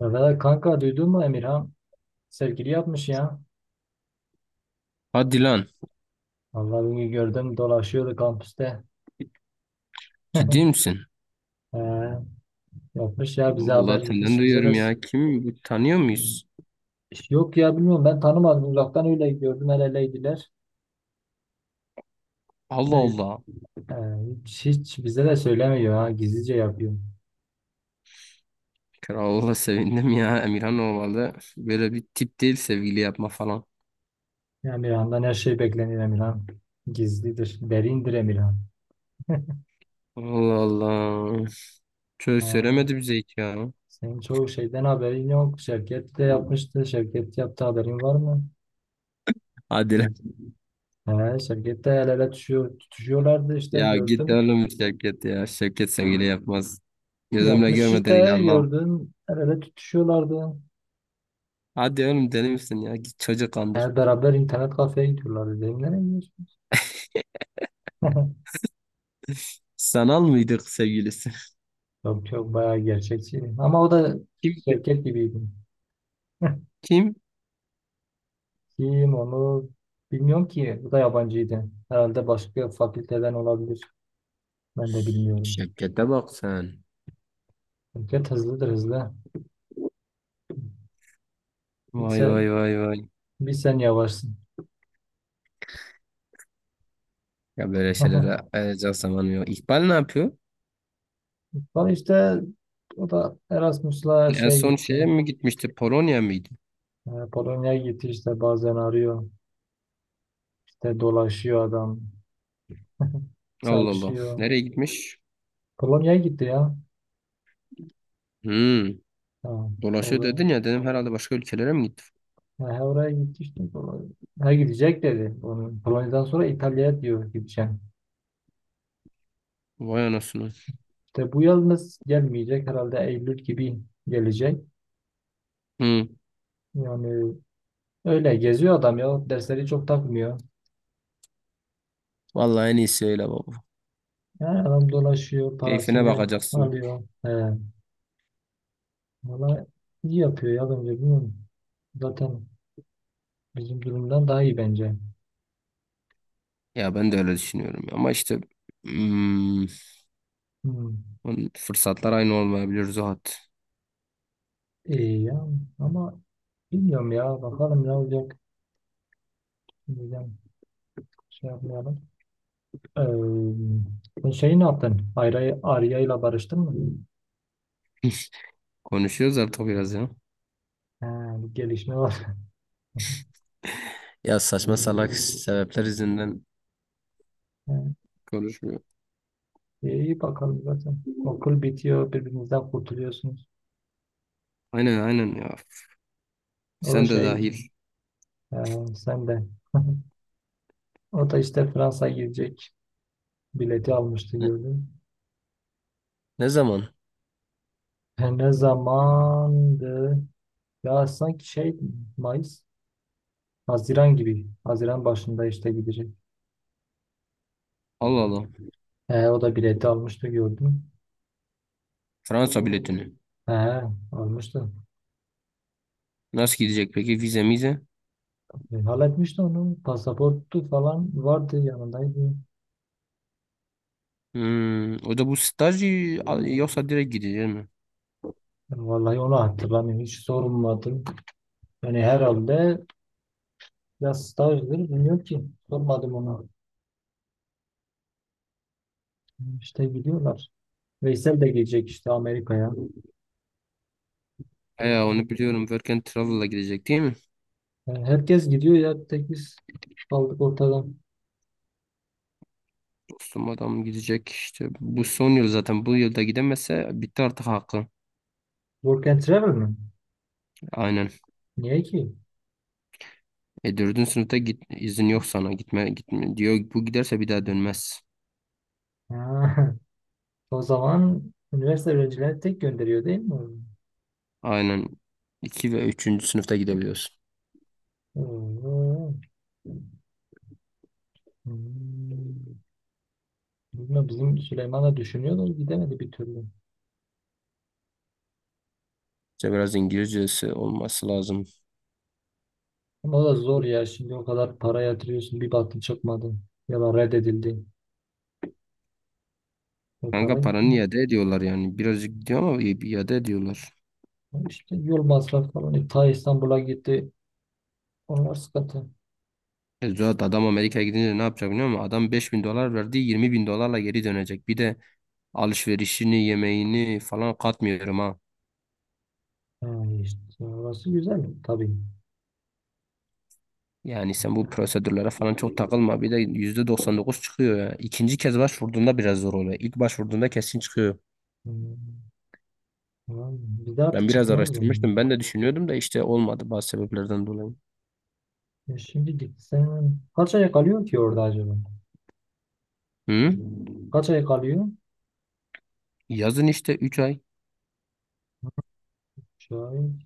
Ya valla kanka, duydun mu Emirhan? Sevgili yapmış ya. Hadi lan. Vallahi bugün gördüm, dolaşıyordu kampüste. Ciddi misin? Ee, yapmış ya, bize haber Vallahi senden hiç, bize duyuyorum de ya. Kim bu tanıyor muyuz? yok ya, bilmiyorum, ben tanımadım, uzaktan öyle gördüm, el eleydiler. Allah Evet. Allah. Ee, e, hiç bize de söylemiyor, ha, gizlice yapıyor. Kral'a sevindim ya. Emirhan olmalı. Böyle bir tip değil sevgili yapma falan. Ya Emirhan'dan her şey beklenir Emirhan. Gizlidir, derindir Emirhan. Allah Allah. Çöz Ee, söylemedi bize hiç ya. senin çoğu şeyden haberin yok. Şevket de yapmıştı. Şevket yaptı, haberin var mı? Hadi lan. He, şirkette el ele tutuşuyorlardı işte, Ya git gördüm. oğlum Şevket ya. Şevket sevgili yapmaz. Gözümle Yapmış görmeden işte, inanmam. gördüm. El ele tutuşuyorlardı. Hadi oğlum deli misin ya? Git çocuk He, kandır. beraber internet kafeye gidiyorlardı. Dedim, nereye gidiyorsunuz? Sanal mıydık sevgilisi? Yok yok, bayağı gerçekçi. Ama o da Kim? şirket gibiydi. Kim? Kim onu bilmiyorum ki. Bu da yabancıydı. Herhalde başka fakülteden olabilir. Ben de bilmiyorum. Şevket'e bak sen. Şirket hızlıdır, hızlı. Bir, Vay se- vay vay vay. Bir sen yavaşsın. Ya böyle şeylere ayıracak zamanım yok. İkbal ne yapıyor? Sonra işte o da Erasmus'la En şey son şeye gitti. mi gitmişti? Polonya mıydı? Polonya'ya gitti işte, bazen arıyor. İşte dolaşıyor adam. Allah Allah. Çalışıyor. Nereye gitmiş? Polonya'ya gitti ya. Hmm. Ha, Dolaşıyor orada. dedin ya dedim herhalde başka ülkelere mi gitti? Ha, he, Oraya gitti işte. Polonya. Ha, gidecek dedi. Onu, Polonya'dan sonra İtalya'ya diyor, gideceğim. Vay anasını. İşte bu yalnız gelmeyecek. Herhalde eylül gibi gelecek. Hmm. Yani öyle geziyor adam ya. Dersleri çok takmıyor. Vallahi en iyisi öyle baba. Ha, adam dolaşıyor. Keyfine Parasını bakacaksın. alıyor. He, valla iyi yapıyor ya, bence, bilmiyorum. Zaten bizim durumdan daha iyi bence. Ya ben de öyle düşünüyorum. Ama işte hmm, Hmm. fırsatlar aynı olmayabilir Zuhat. İyi ya ama bilmiyorum ya, bakalım ne olacak. Bilmiyorum, şey yapmayalım. Sen şeyi ne yaptın? Arya ile barıştın mı? Konuşuyoruz artık biraz ya. Ha, bir gelişme var. Ya saçma salak sebepler yüzünden Ha, konuşmuyor. iyi, bakalım zaten. Okul bitiyor, birbirinizden kurtuluyorsunuz. Aynen aynen ya. O da Sen de şey, dahil. e, sen de. O da işte Fransa'ya gidecek. Bileti almıştı, Ne, gördüm. Ne zaman? Ne zamandı? Ya sanki şey mayıs, haziran gibi. Haziran başında işte gidecek. Allah Allah. He, o da bileti almıştı, gördüm. Fransa biletini. He, almıştı. Nasıl gidecek peki? Vize mize? Halletmişti onu. Pasaportu falan vardı, yanındaydı. O da bu staj yoksa direkt gidecek mi? Yani vallahi onu hatırlamıyorum. Hiç sormadım. Yani herhalde ya stajdır, bilmiyorum ki. Sormadım ona. İşte gidiyorlar. Veysel de gelecek işte Amerika'ya. He onu biliyorum. Work and Travel'la gidecek değil mi? Yani herkes gidiyor ya. Tek biz kaldık ortada. Dostum adam gidecek işte. Bu son yıl zaten. Bu yılda gidemezse bitti artık hakkı. Work and travel mi? Aynen. Niye ki? E dördüncü sınıfta git, izin yok sana. Gitme, gitme diyor. Bu giderse bir daha dönmez. Ha, o zaman üniversite öğrencileri tek gönderiyor değil mi? Aynen. İki ve üçüncü sınıfta gidebiliyorsun. Hmm. Bilmiyorum, bizim Süleyman da düşünüyor da gidemedi bir türlü. İşte biraz İngilizcesi olması lazım. Ama o da zor ya. Şimdi o kadar para yatırıyorsun, bir baktın çıkmadı. Ya da reddedildi. O para Kanka gitti. paranı iade ediyorlar yani. Birazcık gidiyor ama iade ediyorlar. İşte yol masrafı falan. Ta İstanbul'a gitti. Onlar sıkıntı. E, Zuhat adam Amerika'ya gidince ne yapacak biliyor musun? Adam 5.000 dolar verdi, 20.000 dolarla geri dönecek. Bir de alışverişini yemeğini falan katmıyorum ha. Ha, işte orası güzel tabii. Yani sen bu prosedürlere falan çok takılma. Bir de %99 çıkıyor ya. İkinci kez başvurduğunda biraz zor oluyor. İlk başvurduğunda kesin çıkıyor. Hmm. Tamam. Bir de artık Ben biraz çıkmaz mı? araştırmıştım. Ben de düşünüyordum da işte olmadı bazı sebeplerden dolayı. Ya şimdi gitsen kaç ay kalıyor ki orada acaba? Hı? Kaç ay kalıyor? Yazın işte 3 ay. Şahit.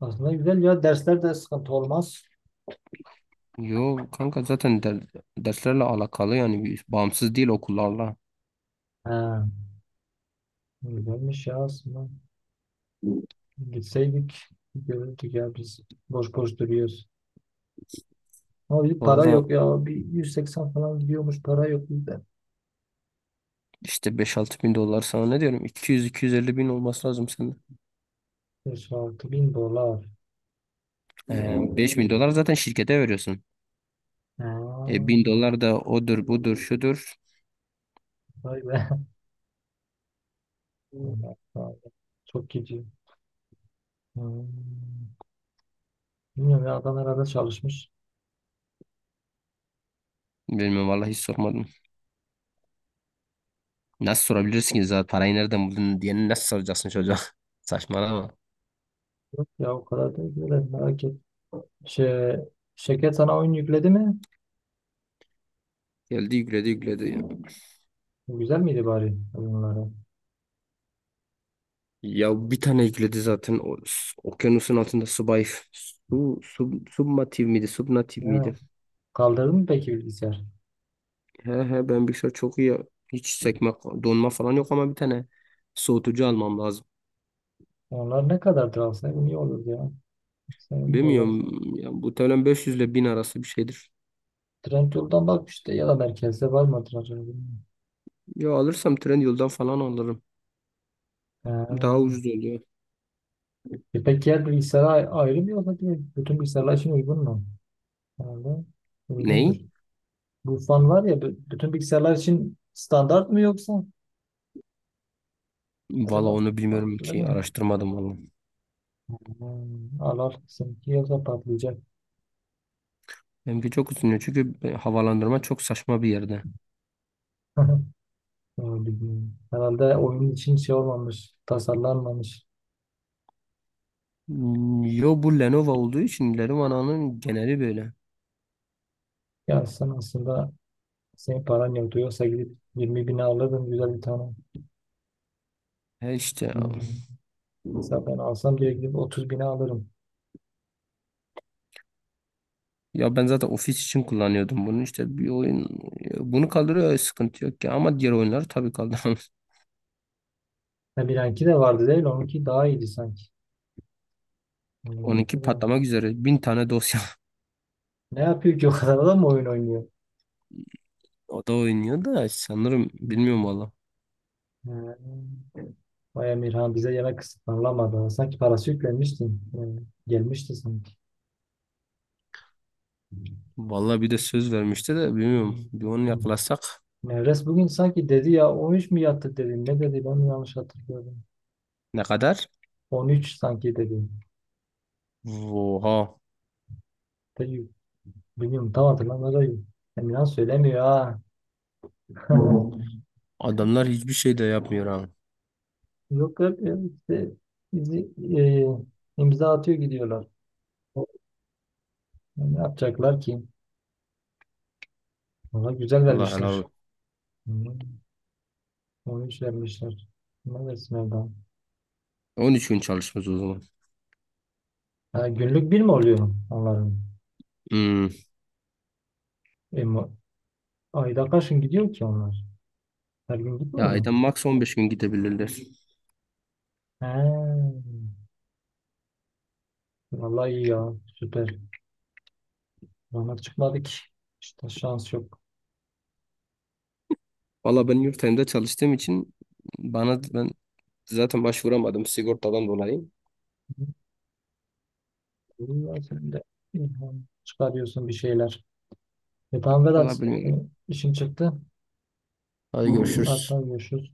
Aslında güzel ya, dersler de sıkıntı olmaz. Yo kanka zaten derslerle alakalı yani bağımsız değil okullarla. Ha, güzelmiş ya aslında. Gitseydik görürdük ya, biz boş boş duruyoruz. Ama bir para Valla. yok ya. Bir 180 falan gidiyormuş, para yok bizde. İşte 5-6 bin dolar sana ne diyorum, iki yüz iki yüz elli bin olması lazım sende. 5-6 bin dolar. 5 bin dolar zaten şirkete veriyorsun. E, Aa, 1.000 dolar da odur budur şudur. vay be. Bunlar pahalı. Çok gidiyor. Hmm. Bilmiyorum ya, adam herhalde çalışmış. Bilmiyorum vallahi hiç sormadım. Nasıl sorabilirsin ki zaten parayı nereden buldun diye nasıl soracaksın çocuğa? Saçmalama. Yok ya, o kadar da böyle merak et. Şey, şirket sana oyun yükledi mi? Geldi yükledi yükledi. Ya Güzel miydi bari oyunları? Ya bir tane yükledi zaten o, okyanusun altında subay submatif miydi subnatif Ne? miydi? Kaldırdın mı peki bilgisayar? He he ben bilgisayar çok iyi. Hiç sekme donma falan yok ama bir tane soğutucu almam lazım. Onlar ne kadardır, alsaydım iyi olurdu ya. Sen Bilmiyorum. Ya, muhtemelen 500 ile 1.000 arası bir şeydir. Trendyol'dan bak işte, ya da merkezde var mıdır acaba, bilmiyorum. Ya alırsam Trendyol'dan falan alırım. Ha. Daha ucuz oluyor. E peki diğer bilgisayara ayrı mı yoksa direkt bütün bilgisayarlar için uygun mu? Herhalde uygundur. Ney? Bu fan var ya, bütün bilgisayarlar için standart mı yoksa? Valla Acaba onu bilmiyorum farklı ki. mı? Araştırmadım valla. Hmm, al al, seninki yoksa patlayacak. Benimki çok ucuz çünkü havalandırma çok saçma bir yerde. Öyle bilmiyorum. Herhalde oyun için şey olmamış, tasarlanmamış. Hmm. Yo, bu Lenovo olduğu için Lenovo'nun geneli böyle. Ya sen aslında, senin paran yoktu, yoksa gidip 20 bine alırdın güzel bir tane. He işte ya. Hmm. Mesela ben alsam direkt gidip 30 bine alırım. Ya ben zaten ofis için kullanıyordum bunu, işte bir oyun bunu kaldırıyor sıkıntı yok ki ama diğer oyunları tabii kaldıramaz. Ha, Bilenki de vardı değil. Onunki daha iyiydi sanki. on Bilenki iki de var. patlamak üzere 1.000 tane dosya Ne yapıyor ki o kadar adam, oyun oynuyor? o da oynuyor da sanırım bilmiyorum valla. Ha, vay Emirhan bize yemek ısmarlamadı. Sanki parası yüklenmişti. Ha, gelmişti sanki. Vallahi bir de söz vermişti de bilmiyorum. Bir onu Hı. yakalasak Nevres bugün sanki dedi ya, 13 mi yattı dedi. Ne dedi, ben mi yanlış hatırlıyorum. ne kadar? 13 sanki dedi. Oha. Dedi, bilmiyorum, tam hatırlamıyorum. Emirhan söylemiyor ha. Adamlar hiçbir şey de yapmıyor ha. Yok yok yok, işte bizi e, imza atıyor gidiyorlar. Ne yapacaklar ki? Valla güzel Allah helal vermişler. olsun. Hı. 13 vermişler. Ne da sınavdan. 13 gün çalışmaz o zaman. Ha, günlük bir mi oluyor onların? Hmm. E, mu- ayda kaç gün gidiyor ki onlar? Her gün Ya gitmiyor mu? ayda max 15 gün gidebilirler. He. Vallahi iyi ya. Süper. Bana çıkmadı ki. İşte şans yok. Valla ben yurt dışında çalıştığım için bana ben zaten başvuramadım sigortadan dolayı. İyi ya, sen de ilham çıkarıyorsun bir şeyler. E tamam Valla Vedat. bilmiyorum. Benim işim çıktı. Hadi Artık görüşürüz. görüşürüz.